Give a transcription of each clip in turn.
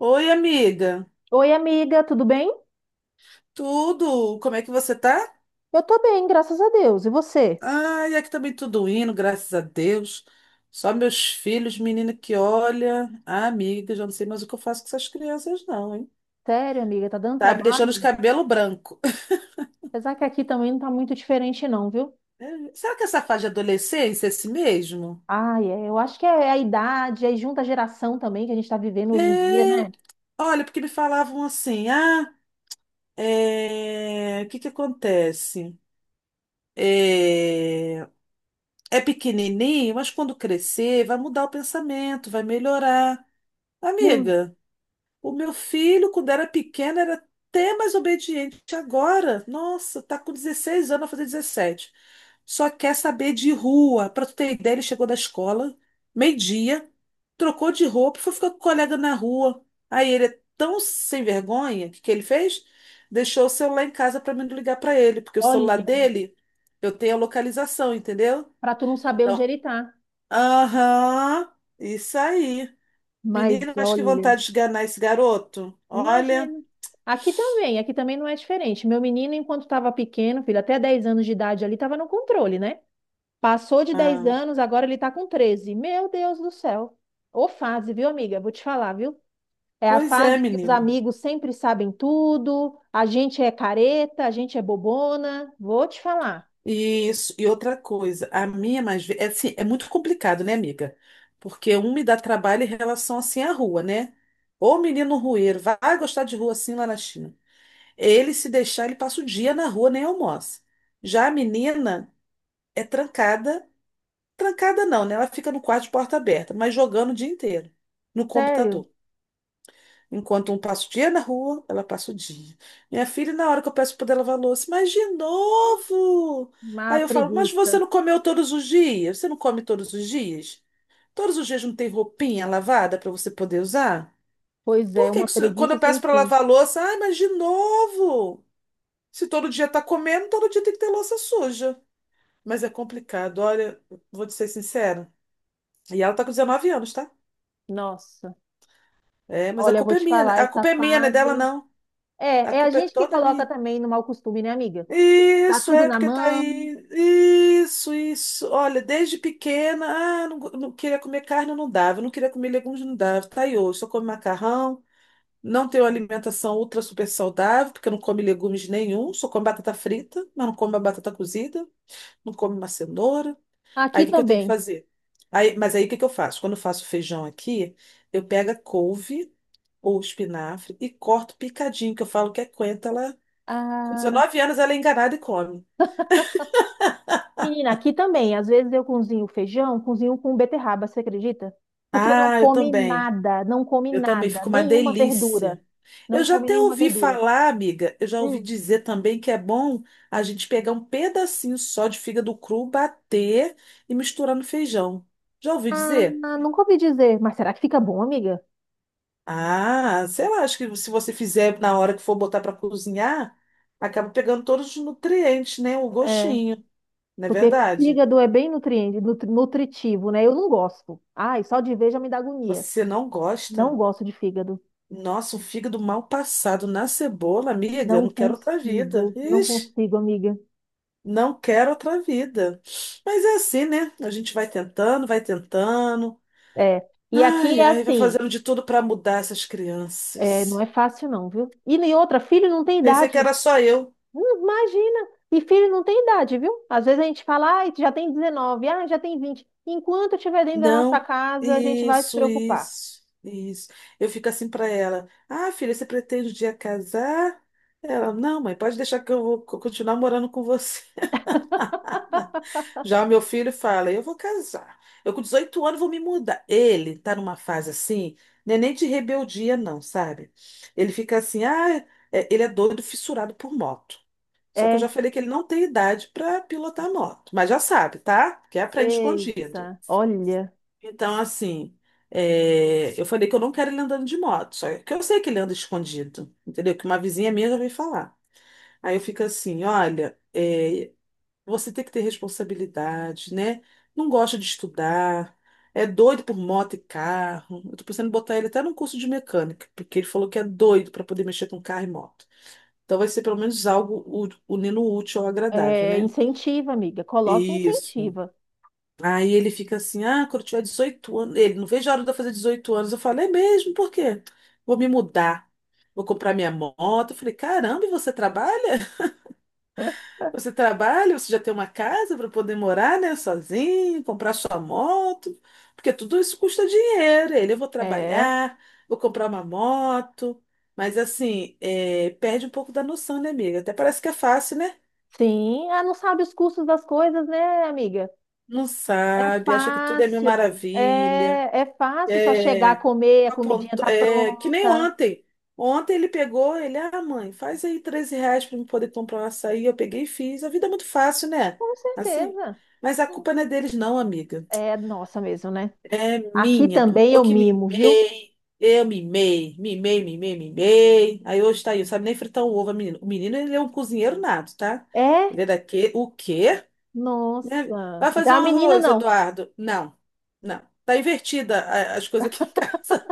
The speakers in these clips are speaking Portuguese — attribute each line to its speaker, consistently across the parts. Speaker 1: Oi, amiga.
Speaker 2: Oi, amiga, tudo bem?
Speaker 1: Tudo? Como é que você tá?
Speaker 2: Eu tô bem, graças a Deus. E você?
Speaker 1: Ai, aqui também tudo indo, graças a Deus. Só meus filhos, menina que olha. Ah, amiga, já não sei mais o que eu faço com essas crianças, não, hein?
Speaker 2: Sério, amiga, tá dando
Speaker 1: Tá me deixando os
Speaker 2: trabalho?
Speaker 1: cabelos branco.
Speaker 2: Apesar que aqui também não tá muito diferente, não, viu?
Speaker 1: É, será que essa fase de adolescência é esse mesmo?
Speaker 2: Ai, é, eu acho que é a idade, aí junta a geração também que a gente tá vivendo hoje em dia,
Speaker 1: É,
Speaker 2: né?
Speaker 1: olha, porque me falavam assim, ah, é, o que que acontece? É, é pequenininho, mas quando crescer vai mudar o pensamento, vai melhorar.
Speaker 2: Hum,
Speaker 1: Amiga, o meu filho, quando era pequeno, era até mais obediente. Agora, nossa, tá com 16 anos, vai fazer 17. Só quer saber de rua. Pra tu ter ideia, ele chegou da escola, meio-dia, trocou de roupa, e foi ficar com o colega na rua. Aí ele é tão sem vergonha, o que que ele fez? Deixou o celular em casa pra mim não ligar pra ele, porque o
Speaker 2: olha,
Speaker 1: celular dele, eu tenho a localização, entendeu?
Speaker 2: pra tu não saber onde
Speaker 1: Então,
Speaker 2: ele tá.
Speaker 1: aham, isso aí.
Speaker 2: Mas
Speaker 1: Menina, mas que
Speaker 2: olha,
Speaker 1: vontade de enganar esse garoto. Olha.
Speaker 2: imagina. Aqui também não é diferente. Meu menino, enquanto estava pequeno, filho, até 10 anos de idade ali, estava no controle, né? Passou de 10
Speaker 1: Ah,
Speaker 2: anos, agora ele tá com 13. Meu Deus do céu. Ô fase, viu, amiga? Vou te falar, viu? É a
Speaker 1: pois é,
Speaker 2: fase que os
Speaker 1: menina.
Speaker 2: amigos sempre sabem tudo, a gente é careta, a gente é bobona. Vou te falar,
Speaker 1: E isso. E outra coisa, a minha mais velha. É, assim, é muito complicado, né, amiga? Porque um me dá trabalho em relação assim à rua, né? Ô menino rueiro, vai gostar de rua assim lá na China. Ele, se deixar, ele passa o dia na rua, nem almoça. Já a menina é trancada. Trancada não, né? Ela fica no quarto de porta aberta, mas jogando o dia inteiro no
Speaker 2: sério,
Speaker 1: computador. Enquanto um passa o dia na rua, ela passa o dia. Minha filha, na hora que eu peço para ela lavar a louça, mas de novo?
Speaker 2: uma
Speaker 1: Aí eu falo, mas você
Speaker 2: preguiça.
Speaker 1: não comeu todos os dias? Você não come todos os dias? Todos os dias não tem roupinha lavada para você poder usar?
Speaker 2: Pois é,
Speaker 1: Por que
Speaker 2: uma
Speaker 1: que quando eu
Speaker 2: preguiça sem
Speaker 1: peço para
Speaker 2: fim.
Speaker 1: lavar a louça, ai, mas de novo? Se todo dia tá comendo, todo dia tem que ter louça suja. Mas é complicado, olha, vou te ser sincera. E ela tá com 19 anos, tá?
Speaker 2: Nossa,
Speaker 1: É, mas a
Speaker 2: olha, eu vou
Speaker 1: culpa é
Speaker 2: te
Speaker 1: minha, né?
Speaker 2: falar,
Speaker 1: A
Speaker 2: essa
Speaker 1: culpa é minha, não é dela,
Speaker 2: fase.
Speaker 1: não. A
Speaker 2: É, é a
Speaker 1: culpa é
Speaker 2: gente que
Speaker 1: toda
Speaker 2: coloca
Speaker 1: minha.
Speaker 2: também no mau costume, né, amiga? Tá
Speaker 1: Isso,
Speaker 2: tudo
Speaker 1: é
Speaker 2: na
Speaker 1: porque tá
Speaker 2: mão.
Speaker 1: aí. Isso, isso. Olha, desde pequena, ah, não, não queria comer carne, não dava. Não queria comer legumes, não dava. Tá aí hoje, só come macarrão. Não tenho alimentação ultra super saudável, porque não come legumes nenhum. Só como batata frita, mas não como a batata cozida. Não como uma cenoura. Aí
Speaker 2: Aqui
Speaker 1: o que que eu tenho que
Speaker 2: também.
Speaker 1: fazer? Aí, mas aí o que que eu faço? Quando eu faço feijão aqui, eu pego a couve ou espinafre e corto picadinho, que eu falo que é coentro, ela... Com
Speaker 2: Ah,
Speaker 1: 19 anos ela é enganada e come.
Speaker 2: menina, aqui também. Às vezes eu cozinho feijão, cozinho com beterraba, você acredita? Porque não
Speaker 1: Ah, eu
Speaker 2: come
Speaker 1: também.
Speaker 2: nada, não come
Speaker 1: Eu também,
Speaker 2: nada,
Speaker 1: fica uma
Speaker 2: nenhuma verdura.
Speaker 1: delícia. Eu
Speaker 2: Não
Speaker 1: já
Speaker 2: come
Speaker 1: até
Speaker 2: nenhuma
Speaker 1: ouvi
Speaker 2: verdura.
Speaker 1: falar, amiga, eu já ouvi
Speaker 2: Hum.
Speaker 1: dizer também que é bom a gente pegar um pedacinho só de fígado cru, bater e misturar no feijão. Já ouvi
Speaker 2: Ah,
Speaker 1: dizer?
Speaker 2: nunca ouvi dizer, mas será que fica bom, amiga?
Speaker 1: Ah, sei lá, acho que se você fizer na hora que for botar para cozinhar, acaba pegando todos os nutrientes, né? O
Speaker 2: É.
Speaker 1: gostinho, não é
Speaker 2: Porque
Speaker 1: verdade?
Speaker 2: fígado é bem nutriente, nutritivo, né? Eu não gosto. Ai, só de ver já me dá agonia.
Speaker 1: Você não
Speaker 2: Não
Speaker 1: gosta?
Speaker 2: gosto de fígado.
Speaker 1: Nossa, um fígado mal passado na cebola, amiga, eu
Speaker 2: Não
Speaker 1: não quero outra vida.
Speaker 2: consigo, não
Speaker 1: Ixi.
Speaker 2: consigo, amiga.
Speaker 1: Não quero outra vida. Mas é assim, né? A gente vai tentando, vai tentando.
Speaker 2: É. E aqui
Speaker 1: Ai,
Speaker 2: é
Speaker 1: ai, vai
Speaker 2: assim,
Speaker 1: fazendo de tudo para mudar essas
Speaker 2: é, não é
Speaker 1: crianças.
Speaker 2: fácil não, viu? E nem outra, filho não tem
Speaker 1: Pensei
Speaker 2: idade.
Speaker 1: que era só eu.
Speaker 2: Imagina. E filho não tem idade, viu? Às vezes a gente fala, ai, já tem 19, ah, já tem 20. Enquanto estiver dentro da nossa
Speaker 1: Não.
Speaker 2: casa, a gente vai se
Speaker 1: Isso,
Speaker 2: preocupar.
Speaker 1: isso, isso. Eu fico assim para ela. Ah, filha, você pretende um dia casar? Ela, não, mãe, pode deixar que eu vou continuar morando com você. Já o meu filho fala, eu vou casar. Eu com 18 anos vou me mudar. Ele tá numa fase assim, não é nem de rebeldia, não, sabe? Ele fica assim, ah, ele é doido, fissurado por moto. Só que eu
Speaker 2: É.
Speaker 1: já falei que ele não tem idade para pilotar moto, mas já sabe, tá? Que aprende escondido.
Speaker 2: Eita, olha,
Speaker 1: Então, assim, é, eu falei que eu não quero ele andando de moto, só que eu sei que ele anda escondido, entendeu? Que uma vizinha minha já veio falar. Aí eu fico assim, olha, é, você tem que ter responsabilidade, né? Não gosta de estudar, é doido por moto e carro. Eu tô pensando em botar ele até num curso de mecânica, porque ele falou que é doido para poder mexer com carro e moto. Então vai ser pelo menos algo unindo o útil ao agradável,
Speaker 2: é,
Speaker 1: né?
Speaker 2: incentiva, amiga, coloca e
Speaker 1: Isso.
Speaker 2: incentiva.
Speaker 1: Aí ele fica assim: ah, quando eu tiver 18 anos. Ele, não vejo a hora de eu fazer 18 anos. Eu falei: é mesmo? Por quê? Vou me mudar, vou comprar minha moto. Eu falei: caramba, e você trabalha? Você trabalha, você já tem uma casa para poder morar, né, sozinho, comprar sua moto, porque tudo isso custa dinheiro. Ele, eu vou
Speaker 2: É,
Speaker 1: trabalhar, vou comprar uma moto, mas assim, é, perde um pouco da noção, né, amiga? Até parece que é fácil, né?
Speaker 2: sim, ah, não sabe os custos das coisas, né, amiga?
Speaker 1: Não
Speaker 2: É
Speaker 1: sabe, acha que tudo é mil
Speaker 2: fácil,
Speaker 1: maravilha.
Speaker 2: é fácil só chegar
Speaker 1: É,
Speaker 2: comer, a comidinha tá
Speaker 1: é, que nem
Speaker 2: pronta.
Speaker 1: ontem. Ontem ele pegou, ele, ah, mãe, faz aí R$ 13 para eu poder comprar um açaí. Eu peguei e fiz. A vida é muito fácil, né?
Speaker 2: Com
Speaker 1: Assim,
Speaker 2: certeza.
Speaker 1: mas a culpa não é deles, não, amiga.
Speaker 2: É, nossa mesmo, né?
Speaker 1: É
Speaker 2: Aqui
Speaker 1: minha, porque
Speaker 2: também
Speaker 1: eu
Speaker 2: eu
Speaker 1: que
Speaker 2: mimo, viu?
Speaker 1: mimei, eu mimei, mimei, mimei, mimei. Aí hoje tá aí, sabe nem fritar um ovo, menino. O menino, ele é um cozinheiro nato, tá?
Speaker 2: É,
Speaker 1: Ele é daqui, o quê? Né?
Speaker 2: nossa.
Speaker 1: Vai fazer
Speaker 2: Já
Speaker 1: um
Speaker 2: a menina
Speaker 1: arroz,
Speaker 2: não.
Speaker 1: Eduardo? Não, não. Tá invertida as coisas aqui em casa.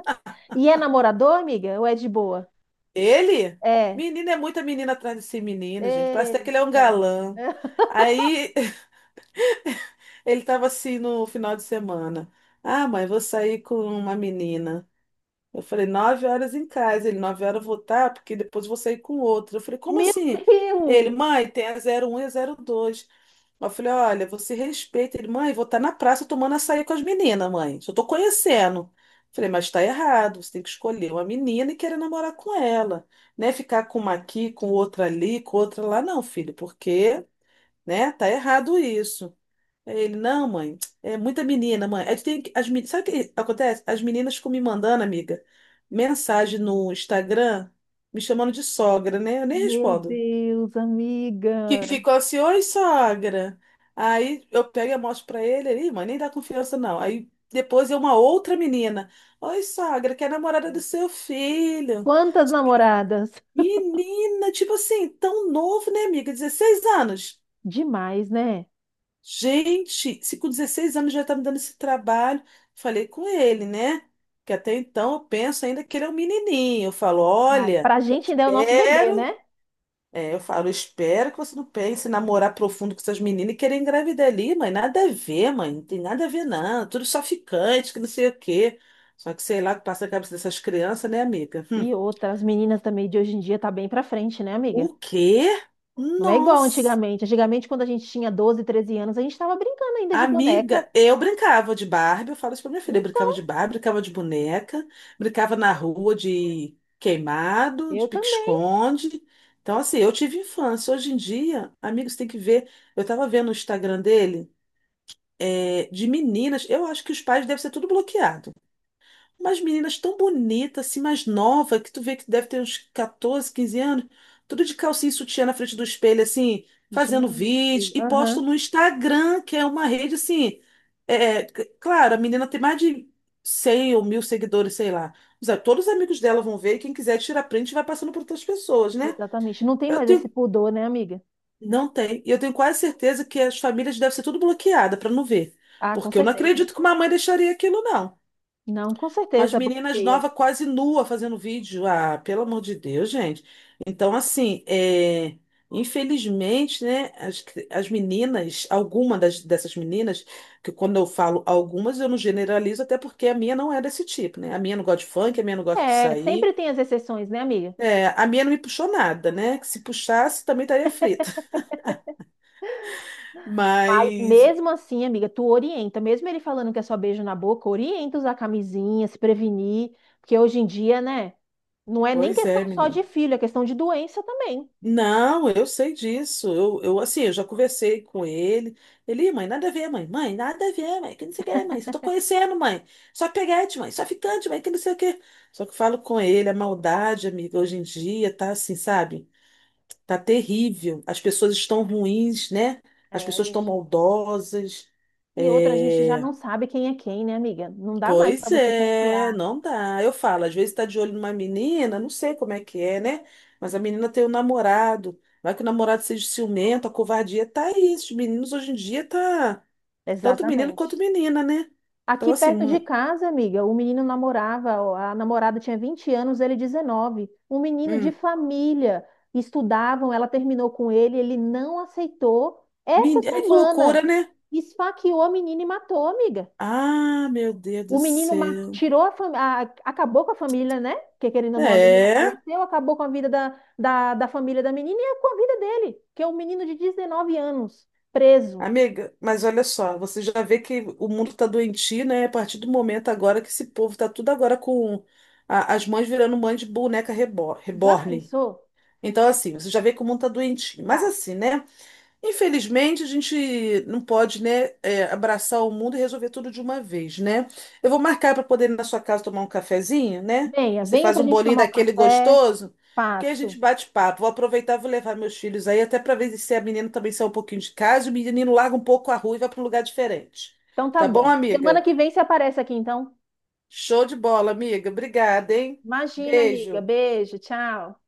Speaker 2: E é namorador, amiga? Ou é de boa?
Speaker 1: Ele?
Speaker 2: É.
Speaker 1: Menina é muita menina atrás desse menino, gente. Parece até que ele é um
Speaker 2: Eita.
Speaker 1: galã. Aí ele tava assim no final de semana. Ah, mãe, vou sair com uma menina. Eu falei, 9 horas em casa. Ele, 9 horas eu vou estar, porque depois eu vou sair com outro. Eu falei, como
Speaker 2: Meu
Speaker 1: assim?
Speaker 2: Deus!
Speaker 1: Ele, mãe, tem a 01 e a 02. Eu falei, olha, você respeita. Ele, mãe, vou estar na praça tomando açaí com as meninas, mãe. Só tô conhecendo. Eu falei, mas tá errado. Você tem que escolher uma menina e querer namorar com ela. Né, ficar com uma aqui, com outra ali, com outra lá, não, filho, porque, né, tá errado isso. Aí ele, não, mãe, é muita menina, mãe. Aí tu tem que- as, meni- sabe o que acontece? As meninas ficam me mandando, amiga, mensagem no Instagram, me chamando de sogra, né? Eu nem
Speaker 2: Meu
Speaker 1: respondo.
Speaker 2: Deus,
Speaker 1: Que
Speaker 2: amiga.
Speaker 1: ficou assim, oi, sogra. Aí eu pego e mostro pra ele, ele, "Ih, mãe, nem dá confiança, não." Aí depois é uma outra menina, oi, sogra, que é a namorada do seu filho.
Speaker 2: Quantas namoradas?
Speaker 1: Menina, tipo assim, tão novo, né, amiga? 16 anos.
Speaker 2: Demais, né?
Speaker 1: Gente, se com 16 anos já tá me dando esse trabalho, falei com ele, né? Que até então eu penso ainda que ele é um menininho. Eu falo,
Speaker 2: Ai,
Speaker 1: olha,
Speaker 2: pra gente ainda é o nosso bebê,
Speaker 1: espero.
Speaker 2: né?
Speaker 1: É, eu falo, espero que você não pense em namorar profundo com essas meninas e querer engravidar ali, mãe. Nada a ver, mãe. Não tem nada a ver, não. Tudo só ficante, que não sei o quê. Só que sei lá o que passa na cabeça dessas crianças, né, amiga? Hum.
Speaker 2: E outras meninas também de hoje em dia tá bem pra frente, né, amiga?
Speaker 1: O quê?
Speaker 2: Não é igual
Speaker 1: Nossa.
Speaker 2: antigamente. Antigamente, quando a gente tinha 12 13 anos, a gente tava brincando ainda de boneca.
Speaker 1: Amiga, eu brincava de Barbie, eu falo isso pra minha filha, eu brincava de
Speaker 2: Então,
Speaker 1: Barbie, brincava de boneca, brincava na rua de queimado, de
Speaker 2: eu também.
Speaker 1: pique-esconde. Então, assim, eu tive infância. Hoje em dia, amigos, tem que ver. Eu tava vendo o Instagram dele, é, de meninas. Eu acho que os pais devem ser tudo bloqueados. Umas meninas tão bonitas, assim, mais nova, que tu vê que deve ter uns 14, 15 anos, tudo de calcinha e sutiã na frente do espelho, assim, fazendo vídeo
Speaker 2: Gente,
Speaker 1: e posto
Speaker 2: aham,
Speaker 1: no Instagram, que é uma rede, assim. É, é, claro, a menina tem mais de 100 ou 1.000 seguidores, sei lá. Mas, é, todos os amigos dela vão ver, e quem quiser tirar print vai passando para outras pessoas, né?
Speaker 2: exatamente. Não tem
Speaker 1: Eu
Speaker 2: mais esse
Speaker 1: tenho.
Speaker 2: pudor, né, amiga?
Speaker 1: Não tem. E eu tenho quase certeza que as famílias devem ser tudo bloqueadas para não ver.
Speaker 2: Ah, com
Speaker 1: Porque eu não
Speaker 2: certeza.
Speaker 1: acredito que uma mãe deixaria aquilo, não.
Speaker 2: Não, com
Speaker 1: Mas
Speaker 2: certeza,
Speaker 1: meninas
Speaker 2: bloqueia.
Speaker 1: novas quase nua fazendo vídeo. Ah, pelo amor de Deus, gente. Então, assim, é, infelizmente, né, as meninas, alguma dessas meninas, que quando eu falo algumas, eu não generalizo, até porque a minha não é desse tipo, né? A minha não gosta de funk, a minha não gosta de
Speaker 2: É,
Speaker 1: sair.
Speaker 2: sempre tem as exceções, né, amiga?
Speaker 1: É, a minha não me puxou nada, né? Que se puxasse, também estaria frita.
Speaker 2: Mas
Speaker 1: Mas,
Speaker 2: mesmo assim, amiga, tu orienta, mesmo ele falando que é só beijo na boca, orienta usar camisinha, se prevenir, porque hoje em dia, né, não é nem
Speaker 1: pois é,
Speaker 2: questão só
Speaker 1: menino.
Speaker 2: de filho, é questão de doença também.
Speaker 1: Não, eu sei disso. Eu, assim, eu já conversei com ele. Ele, mãe, nada a ver, mãe. Mãe, nada a ver, mãe. Que não sei o que, mãe. Só tô conhecendo, mãe. Só peguete, mãe. Só ficante, mãe. Que não sei o que. Só que eu falo com ele, a maldade, amiga, hoje em dia tá assim, sabe? Tá terrível. As pessoas estão ruins, né? As
Speaker 2: É, a
Speaker 1: pessoas estão
Speaker 2: gente...
Speaker 1: maldosas.
Speaker 2: E outra, a gente já
Speaker 1: É,
Speaker 2: não sabe quem é quem, né, amiga? Não dá mais pra
Speaker 1: pois
Speaker 2: você
Speaker 1: é,
Speaker 2: confiar.
Speaker 1: não dá. Eu falo, às vezes tá de olho numa menina, não sei como é que é, né? Mas a menina tem um namorado. Vai que o namorado seja ciumento, a covardia tá aí. Esses meninos hoje em dia tá tanto menino quanto
Speaker 2: Exatamente.
Speaker 1: menina, né? Então,
Speaker 2: Aqui
Speaker 1: assim,
Speaker 2: perto de casa, amiga, o menino namorava, a namorada tinha 20 anos, ele 19. Um menino de
Speaker 1: hum.
Speaker 2: família. Estudavam, ela terminou com ele, ele não aceitou. Essa
Speaker 1: Ai, que loucura,
Speaker 2: semana,
Speaker 1: né?
Speaker 2: esfaqueou a menina e matou, amiga.
Speaker 1: Ah, meu Deus
Speaker 2: O
Speaker 1: do
Speaker 2: menino
Speaker 1: céu.
Speaker 2: tirou a família, acabou com a família, né? Porque querendo ou não, a menina
Speaker 1: É.
Speaker 2: faleceu, acabou com a vida da família da menina e com a vida dele, que é um menino de 19 anos, preso.
Speaker 1: Amiga, mas olha só, você já vê que o mundo tá doentio, né? A partir do momento agora que esse povo tá tudo agora com as mães virando mãe de boneca
Speaker 2: Já
Speaker 1: reborn.
Speaker 2: pensou?
Speaker 1: Então, assim, você já vê que o mundo tá doentio. Mas
Speaker 2: Tá.
Speaker 1: assim, né? Infelizmente, a gente não pode, né, é, abraçar o mundo e resolver tudo de uma vez, né? Eu vou marcar para poder ir na sua casa tomar um cafezinho, né?
Speaker 2: Venha,
Speaker 1: Você
Speaker 2: venha
Speaker 1: faz
Speaker 2: pra
Speaker 1: um
Speaker 2: gente
Speaker 1: bolinho
Speaker 2: tomar um
Speaker 1: daquele
Speaker 2: café.
Speaker 1: gostoso, que aí a gente
Speaker 2: Passo.
Speaker 1: bate papo. Vou aproveitar, vou levar meus filhos aí, até para ver se a menina também sai um pouquinho de casa, e o menino larga um pouco a rua e vai para um lugar diferente.
Speaker 2: Então tá
Speaker 1: Tá bom,
Speaker 2: bom. Semana
Speaker 1: amiga?
Speaker 2: que vem você aparece aqui, então.
Speaker 1: Show de bola, amiga. Obrigada, hein?
Speaker 2: Imagina, amiga.
Speaker 1: Beijo.
Speaker 2: Beijo, tchau.